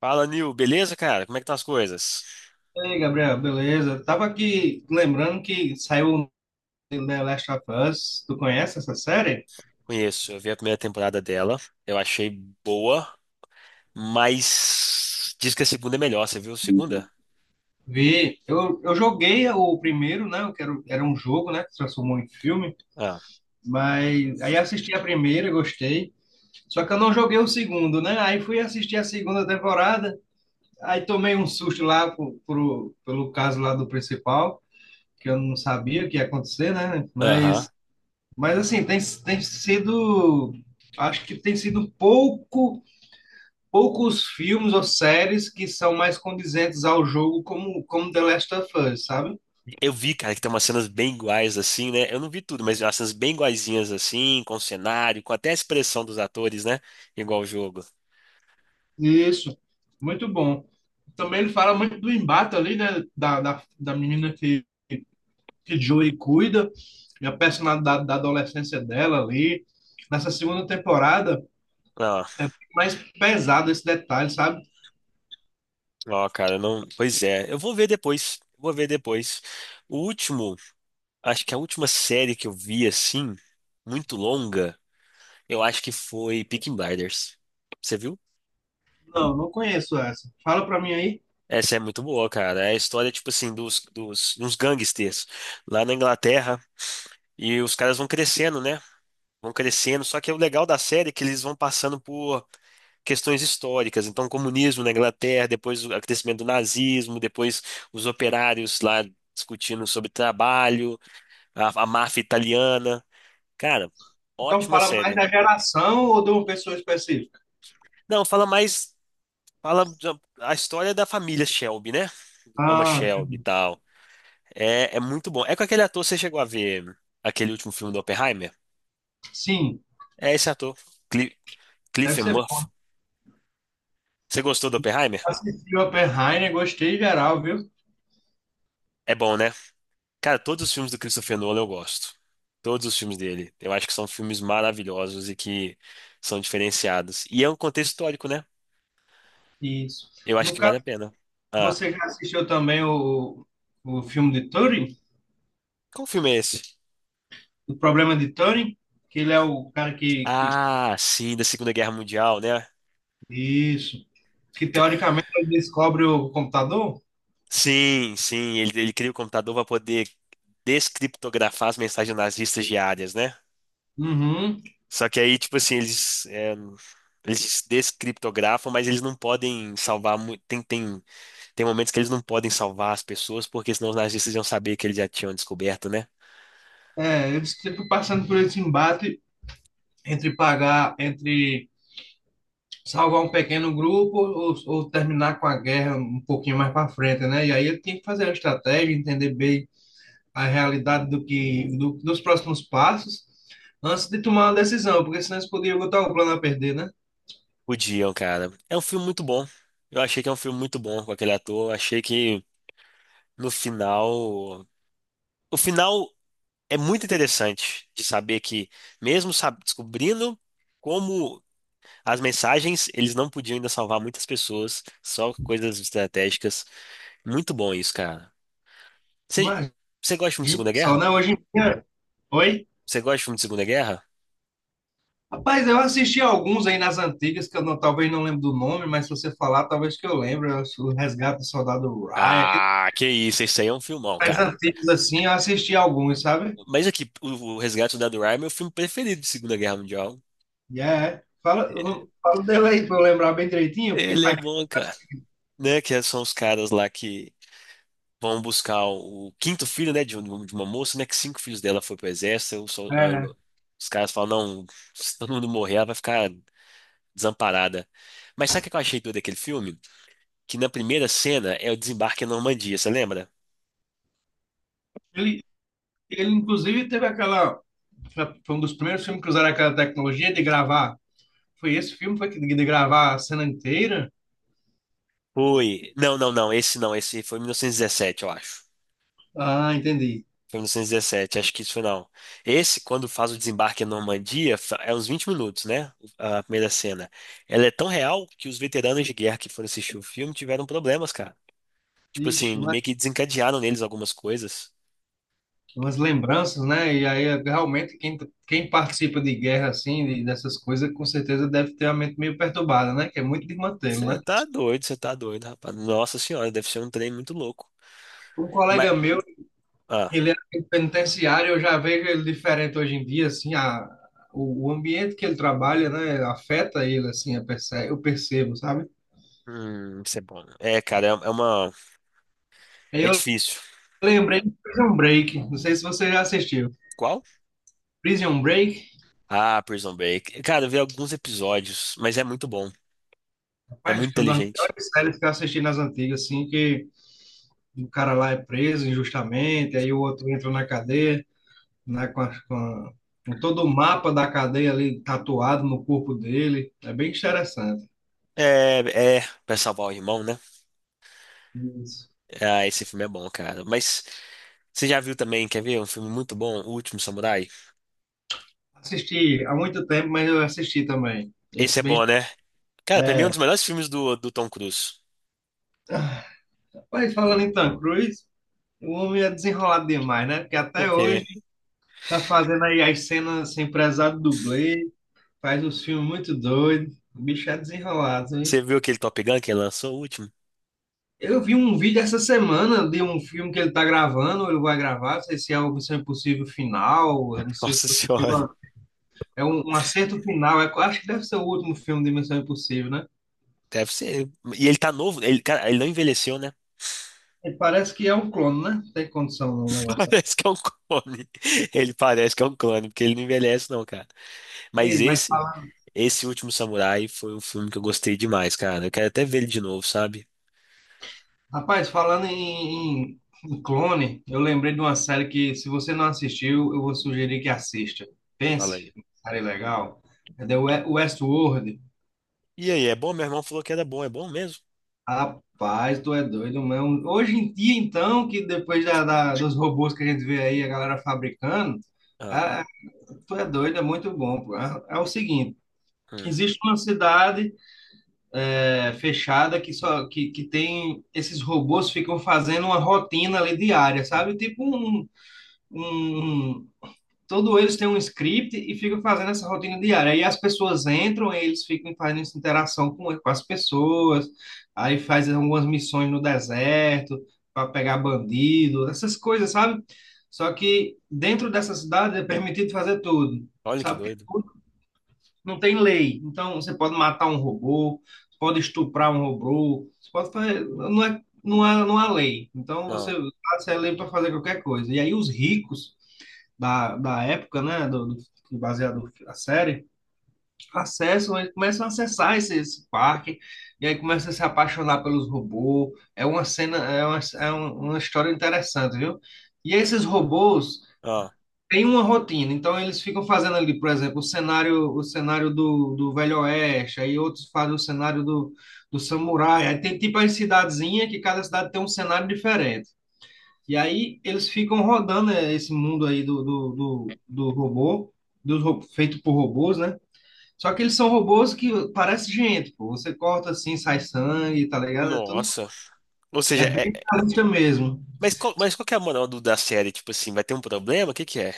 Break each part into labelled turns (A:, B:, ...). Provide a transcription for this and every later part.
A: Fala, Nil, beleza, cara? Como é que estão as coisas?
B: E aí, Gabriel, beleza? Tava aqui lembrando que saiu The Last of Us. Tu conhece essa série?
A: Conheço, eu vi a primeira temporada dela, eu achei boa, mas diz que a segunda é melhor, você viu a segunda?
B: Vi. Eu joguei o primeiro, né? Era um jogo, né? Que se transformou em filme.
A: Ah,
B: Mas aí assisti a primeira, gostei. Só que eu não joguei o segundo, né? Aí fui assistir a segunda temporada. Aí tomei um susto lá pelo caso lá do principal, que eu não sabia o que ia acontecer, né? Mas,
A: aham.
B: mas assim, tem sido. Acho que tem sido pouco. Poucos filmes ou séries que são mais condizentes ao jogo, como The Last of Us, sabe?
A: Eu vi, cara, que tem umas cenas bem iguais assim, né? Eu não vi tudo, mas umas cenas bem iguaizinhas assim, com o cenário, com até a expressão dos atores, né? Igual o jogo.
B: Isso, muito bom. Também ele fala muito do embate ali, né? Da menina que Joey cuida, e a personalidade da adolescência dela ali. Nessa segunda temporada
A: Ah,
B: é mais pesado esse detalhe, sabe?
A: ó, cara, não. Pois é, eu vou ver depois. Vou ver depois. O último, acho que a última série que eu vi assim, muito longa. Eu acho que foi Peaky Blinders. Você viu?
B: Não, não conheço essa. Fala pra mim aí.
A: Essa é muito boa, cara. É a história, tipo assim, uns gangsters lá na Inglaterra. E os caras vão crescendo, né? Vão crescendo. Só que o legal da série é que eles vão passando por questões históricas. Então, o comunismo na Inglaterra, depois o crescimento do nazismo, depois os operários lá discutindo sobre trabalho, a máfia italiana. Cara,
B: Então
A: ótima
B: fala mais
A: série.
B: da geração ou de uma pessoa específica?
A: Não, fala mais. A história da família Shelby, né? Thomas
B: Ah,
A: Shelby e
B: entendi.
A: tal. É, é muito bom. É com aquele ator, você chegou a ver aquele último filme do Oppenheimer?
B: Sim,
A: É esse ator, Cli
B: deve
A: Cillian
B: ser.
A: Murphy. Você gostou do Oppenheimer?
B: Assisti Oppenheimer, gostei geral, viu?
A: É bom, né? Cara, todos os filmes do Christopher Nolan eu gosto. Todos os filmes dele. Eu acho que são filmes maravilhosos e que são diferenciados. E é um contexto histórico, né?
B: Isso.
A: Eu acho
B: No
A: que vale
B: caso,
A: a pena. Ah,
B: você já assistiu também o filme de Turing?
A: qual filme é esse?
B: O problema de Turing? Que ele é o cara que...
A: Ah, sim, da Segunda Guerra Mundial, né?
B: Isso. Que teoricamente ele descobre o computador?
A: Sim, sim, ele cria o computador para poder descriptografar as mensagens nazistas diárias, né?
B: Uhum.
A: Só que aí, tipo assim, eles, é, eles descriptografam, mas eles não podem salvar. Tem, tem, tem momentos que eles não podem salvar as pessoas, porque senão os nazistas iam saber que eles já tinham descoberto, né?
B: É, eles sempre passando por esse embate entre pagar, entre salvar um pequeno grupo ou terminar com a guerra um pouquinho mais para frente, né? E aí ele tem que fazer a estratégia, entender bem a realidade do dos próximos passos antes de tomar uma decisão, porque senão eles poderiam botar o plano a perder, né?
A: Podiam, cara. É um filme muito bom. Eu achei que é um filme muito bom com aquele ator. Eu achei que no final. O final é muito interessante de saber que, mesmo descobrindo. Como as mensagens, eles não podiam ainda salvar muitas pessoas, só coisas estratégicas. Muito bom isso, cara. Você
B: Imagina
A: você gosta de filme de Segunda
B: só,
A: Guerra?
B: né? Hoje em dia. Oi?
A: Você gosta de filme de Segunda Guerra?
B: Rapaz, eu assisti alguns aí nas antigas, que eu não- talvez não lembro do nome, mas se você falar, talvez que eu lembre. Eu acho O Resgate do Soldado Ryan, aqueles
A: Ah, que isso, esse aí é um filmão,
B: mais
A: cara.
B: antigos assim, eu assisti alguns, sabe?
A: Mas aqui, o Resgate do Soldado Ryan é meu filme preferido de Segunda Guerra Mundial.
B: E é. Fala dele aí pra eu lembrar bem direitinho, porque
A: Ele é
B: faz.
A: bom, cara. Né, que são os caras lá que vão buscar o quinto filho, né, de, de uma moça, né, que cinco filhos dela foi pro exército. Eu sou- aí
B: É.
A: eu- Os caras falam, não, se todo mundo morrer, ela vai ficar desamparada. Mas sabe o que eu achei doido daquele filme? Que na primeira cena é o desembarque na Normandia, você lembra?
B: Ele, ele, inclusive, teve aquela. Foi um dos primeiros filmes que usaram aquela tecnologia de gravar. Foi esse filme foi que de gravar a cena inteira?
A: Foi. Não, não, não, esse não, esse foi em 1917, eu acho.
B: Ah, entendi.
A: Foi em 1917, acho que isso foi não. Esse, quando faz o desembarque na Normandia, é uns 20 minutos, né? A primeira cena. Ela é tão real que os veteranos de guerra que foram assistir o filme tiveram problemas, cara. Tipo assim,
B: Ixi, mas
A: meio que desencadearam neles algumas coisas.
B: umas lembranças, né? E aí é, realmente quem participa de guerra assim, dessas coisas, com certeza deve ter a mente meio perturbada, né? Que é muito de mantê-lo, né?
A: Você tá doido, rapaz. Nossa senhora, deve ser um trem muito louco.
B: Um
A: Mas.
B: colega meu,
A: Ah.
B: ele é um penitenciário, eu já vejo ele diferente hoje em dia, assim, a, o ambiente que ele trabalha, né, afeta ele, assim, eu percebo, sabe?
A: Isso é bom. É, cara, é é uma.
B: Aí
A: É
B: eu
A: difícil.
B: lembrei de Prison Break, não sei se você já assistiu.
A: Qual?
B: Prison Break.
A: Ah, Prison Break. Cara, eu vi alguns episódios, mas é muito bom. É
B: Mas
A: muito
B: que é uma das
A: inteligente.
B: melhores séries que eu assisti nas antigas, assim, que o cara lá é preso injustamente, aí o outro entra na cadeia, né, com, as- com, a- com todo o mapa da cadeia ali tatuado no corpo dele. É bem interessante.
A: É, é, pra salvar o irmão, né?
B: Isso.
A: Ah, esse filme é bom, cara. Mas você já viu também, quer ver? Um filme muito bom, O Último Samurai?
B: Assisti há muito tempo, mas eu assisti também.
A: Esse é
B: Esse bem.
A: bom, né? Cara, pra mim é um
B: É.
A: dos melhores filmes do Tom Cruise.
B: Mas falando em Tom Cruise, o homem é desenrolado demais, né? Porque
A: Por
B: até
A: quê?
B: hoje tá fazendo aí as cenas sem prezar do dublê, faz uns filmes muito doidos. O bicho é desenrolado.
A: Você viu aquele Top Gun que ele lançou, o último?
B: Eu vi um vídeo essa semana de um filme que ele tá gravando, ou ele vai gravar, não sei se é o Missão Impossível Final, eu não sei se
A: Nossa
B: você viu.
A: senhora.
B: É um acerto final, é, acho que deve ser o último filme de Missão Impossível, né?
A: Deve ser. E ele tá novo, ele, cara, ele não envelheceu, né?
B: E parece que é um clone, né? Tem condição no negócio.
A: Parece que é um clone. Ele parece que é um clone, porque ele não envelhece, não, cara. Mas
B: Ei, mas,
A: esse Último Samurai foi um filme que eu gostei demais, cara. Eu quero até ver ele de novo, sabe?
B: rapaz, falando em, em clone, eu lembrei de uma série que, se você não assistiu, eu vou sugerir que assista.
A: Fala
B: Pense,
A: aí.
B: série legal. É Westworld.
A: E aí, é bom? Meu irmão falou que era bom. É bom mesmo?
B: Rapaz, tu é doido, mano. Hoje em dia, então, que depois dos robôs que a gente vê aí, a galera fabricando,
A: Ah,
B: ah, tu é doido, é muito bom. Pô. É o seguinte,
A: hum.
B: existe uma cidade é, fechada que só que tem esses robôs ficam fazendo uma rotina ali diária, sabe? Tipo um, todo eles têm um script e ficam fazendo essa rotina diária. Aí as pessoas entram, aí eles ficam fazendo essa interação com as pessoas, aí faz algumas missões no deserto para pegar bandido, essas coisas, sabe? Só que dentro dessa cidade é permitido fazer tudo,
A: Olha que
B: sabe? Porque
A: doido.
B: tudo não tem lei. Então você pode matar um robô, você pode estuprar um robô, você pode fazer, não é, não há lei. Então você,
A: Ah,
B: você é lei para fazer qualquer coisa. E aí os ricos da época, né, do baseado na série, acessam, eles começam a acessar esse parque, e aí começam a se apaixonar pelos robôs. É uma cena, uma história interessante, viu? E esses robôs
A: ah.
B: têm uma rotina, então eles ficam fazendo ali, por exemplo, o cenário do Velho Oeste, aí outros fazem o cenário do Samurai, aí tem tipo as cidadezinhas, que cada cidade tem um cenário diferente. E aí eles ficam rodando é, esse mundo aí do robô, feito por robôs, né? Só que eles são robôs que parece gente, pô. Você corta assim, sai sangue, tá ligado? É tudo.
A: Nossa. Ou seja,
B: É bem realista mesmo.
A: mas qual que é a moral da série? Tipo assim, vai ter um problema? O que que é?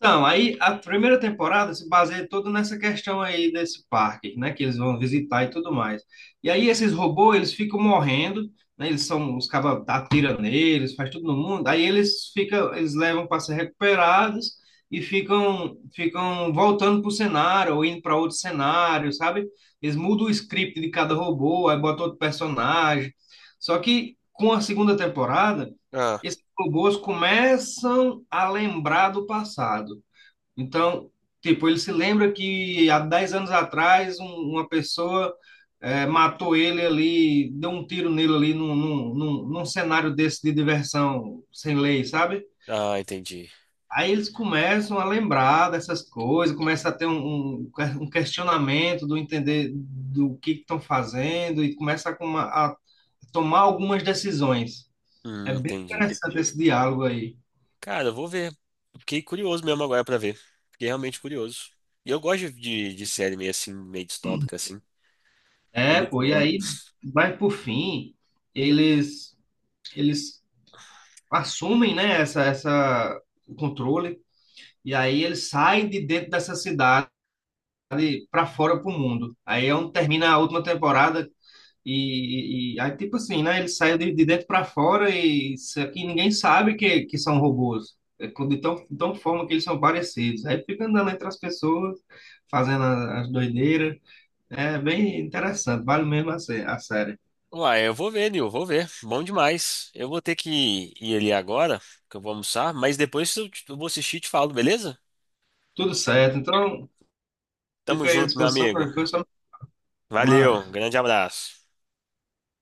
B: Então, aí a primeira temporada se baseia toda nessa questão aí desse parque, né, que eles vão visitar e tudo mais. E aí esses robôs, eles ficam morrendo, né, eles são, os cabas atiram neles, faz tudo no mundo, aí eles ficam, eles levam para ser recuperados e ficam voltando para o cenário ou indo para outro cenário, sabe? Eles mudam o script de cada robô, aí botam outro personagem. Só que com a segunda temporada,
A: Ah,
B: esses robôs começam a lembrar do passado. Então, tipo, ele se lembra que há 10 anos atrás uma pessoa matou ele ali, deu um tiro nele ali num cenário desse de diversão sem lei, sabe?
A: ah, entendi.
B: Aí eles começam a lembrar dessas coisas, começa a ter um, um questionamento do entender do que estão fazendo e começa a, a tomar algumas decisões. É bem
A: Entendi.
B: interessante esse diálogo aí.
A: Cara, eu vou ver. Fiquei curioso mesmo agora pra ver. Fiquei realmente curioso. E eu gosto de série meio assim, meio distópica, assim. É
B: É,
A: muito
B: pô, e
A: boa.
B: aí vai por fim, eles eles assumem, né, essa o controle e aí eles saem de dentro dessa cidade para fora pro mundo. Aí é onde termina a última temporada e aí tipo assim, né, eles saem de dentro para fora e isso aqui ninguém sabe que são robôs. De tão forma que eles são parecidos. Aí fica andando entre as pessoas, fazendo as doideiras. É bem interessante, vale mesmo a série.
A: Uai, eu vou ver, Nil, vou ver. Bom demais. Eu vou ter que ir ali agora, que eu vou almoçar, mas depois eu, eu vou assistir e te falo, beleza?
B: Tudo certo, então
A: Tamo
B: fica aí à
A: junto, meu
B: disposição,
A: amigo.
B: qualquer coisa, só me
A: Valeu, um
B: chamar.
A: grande abraço.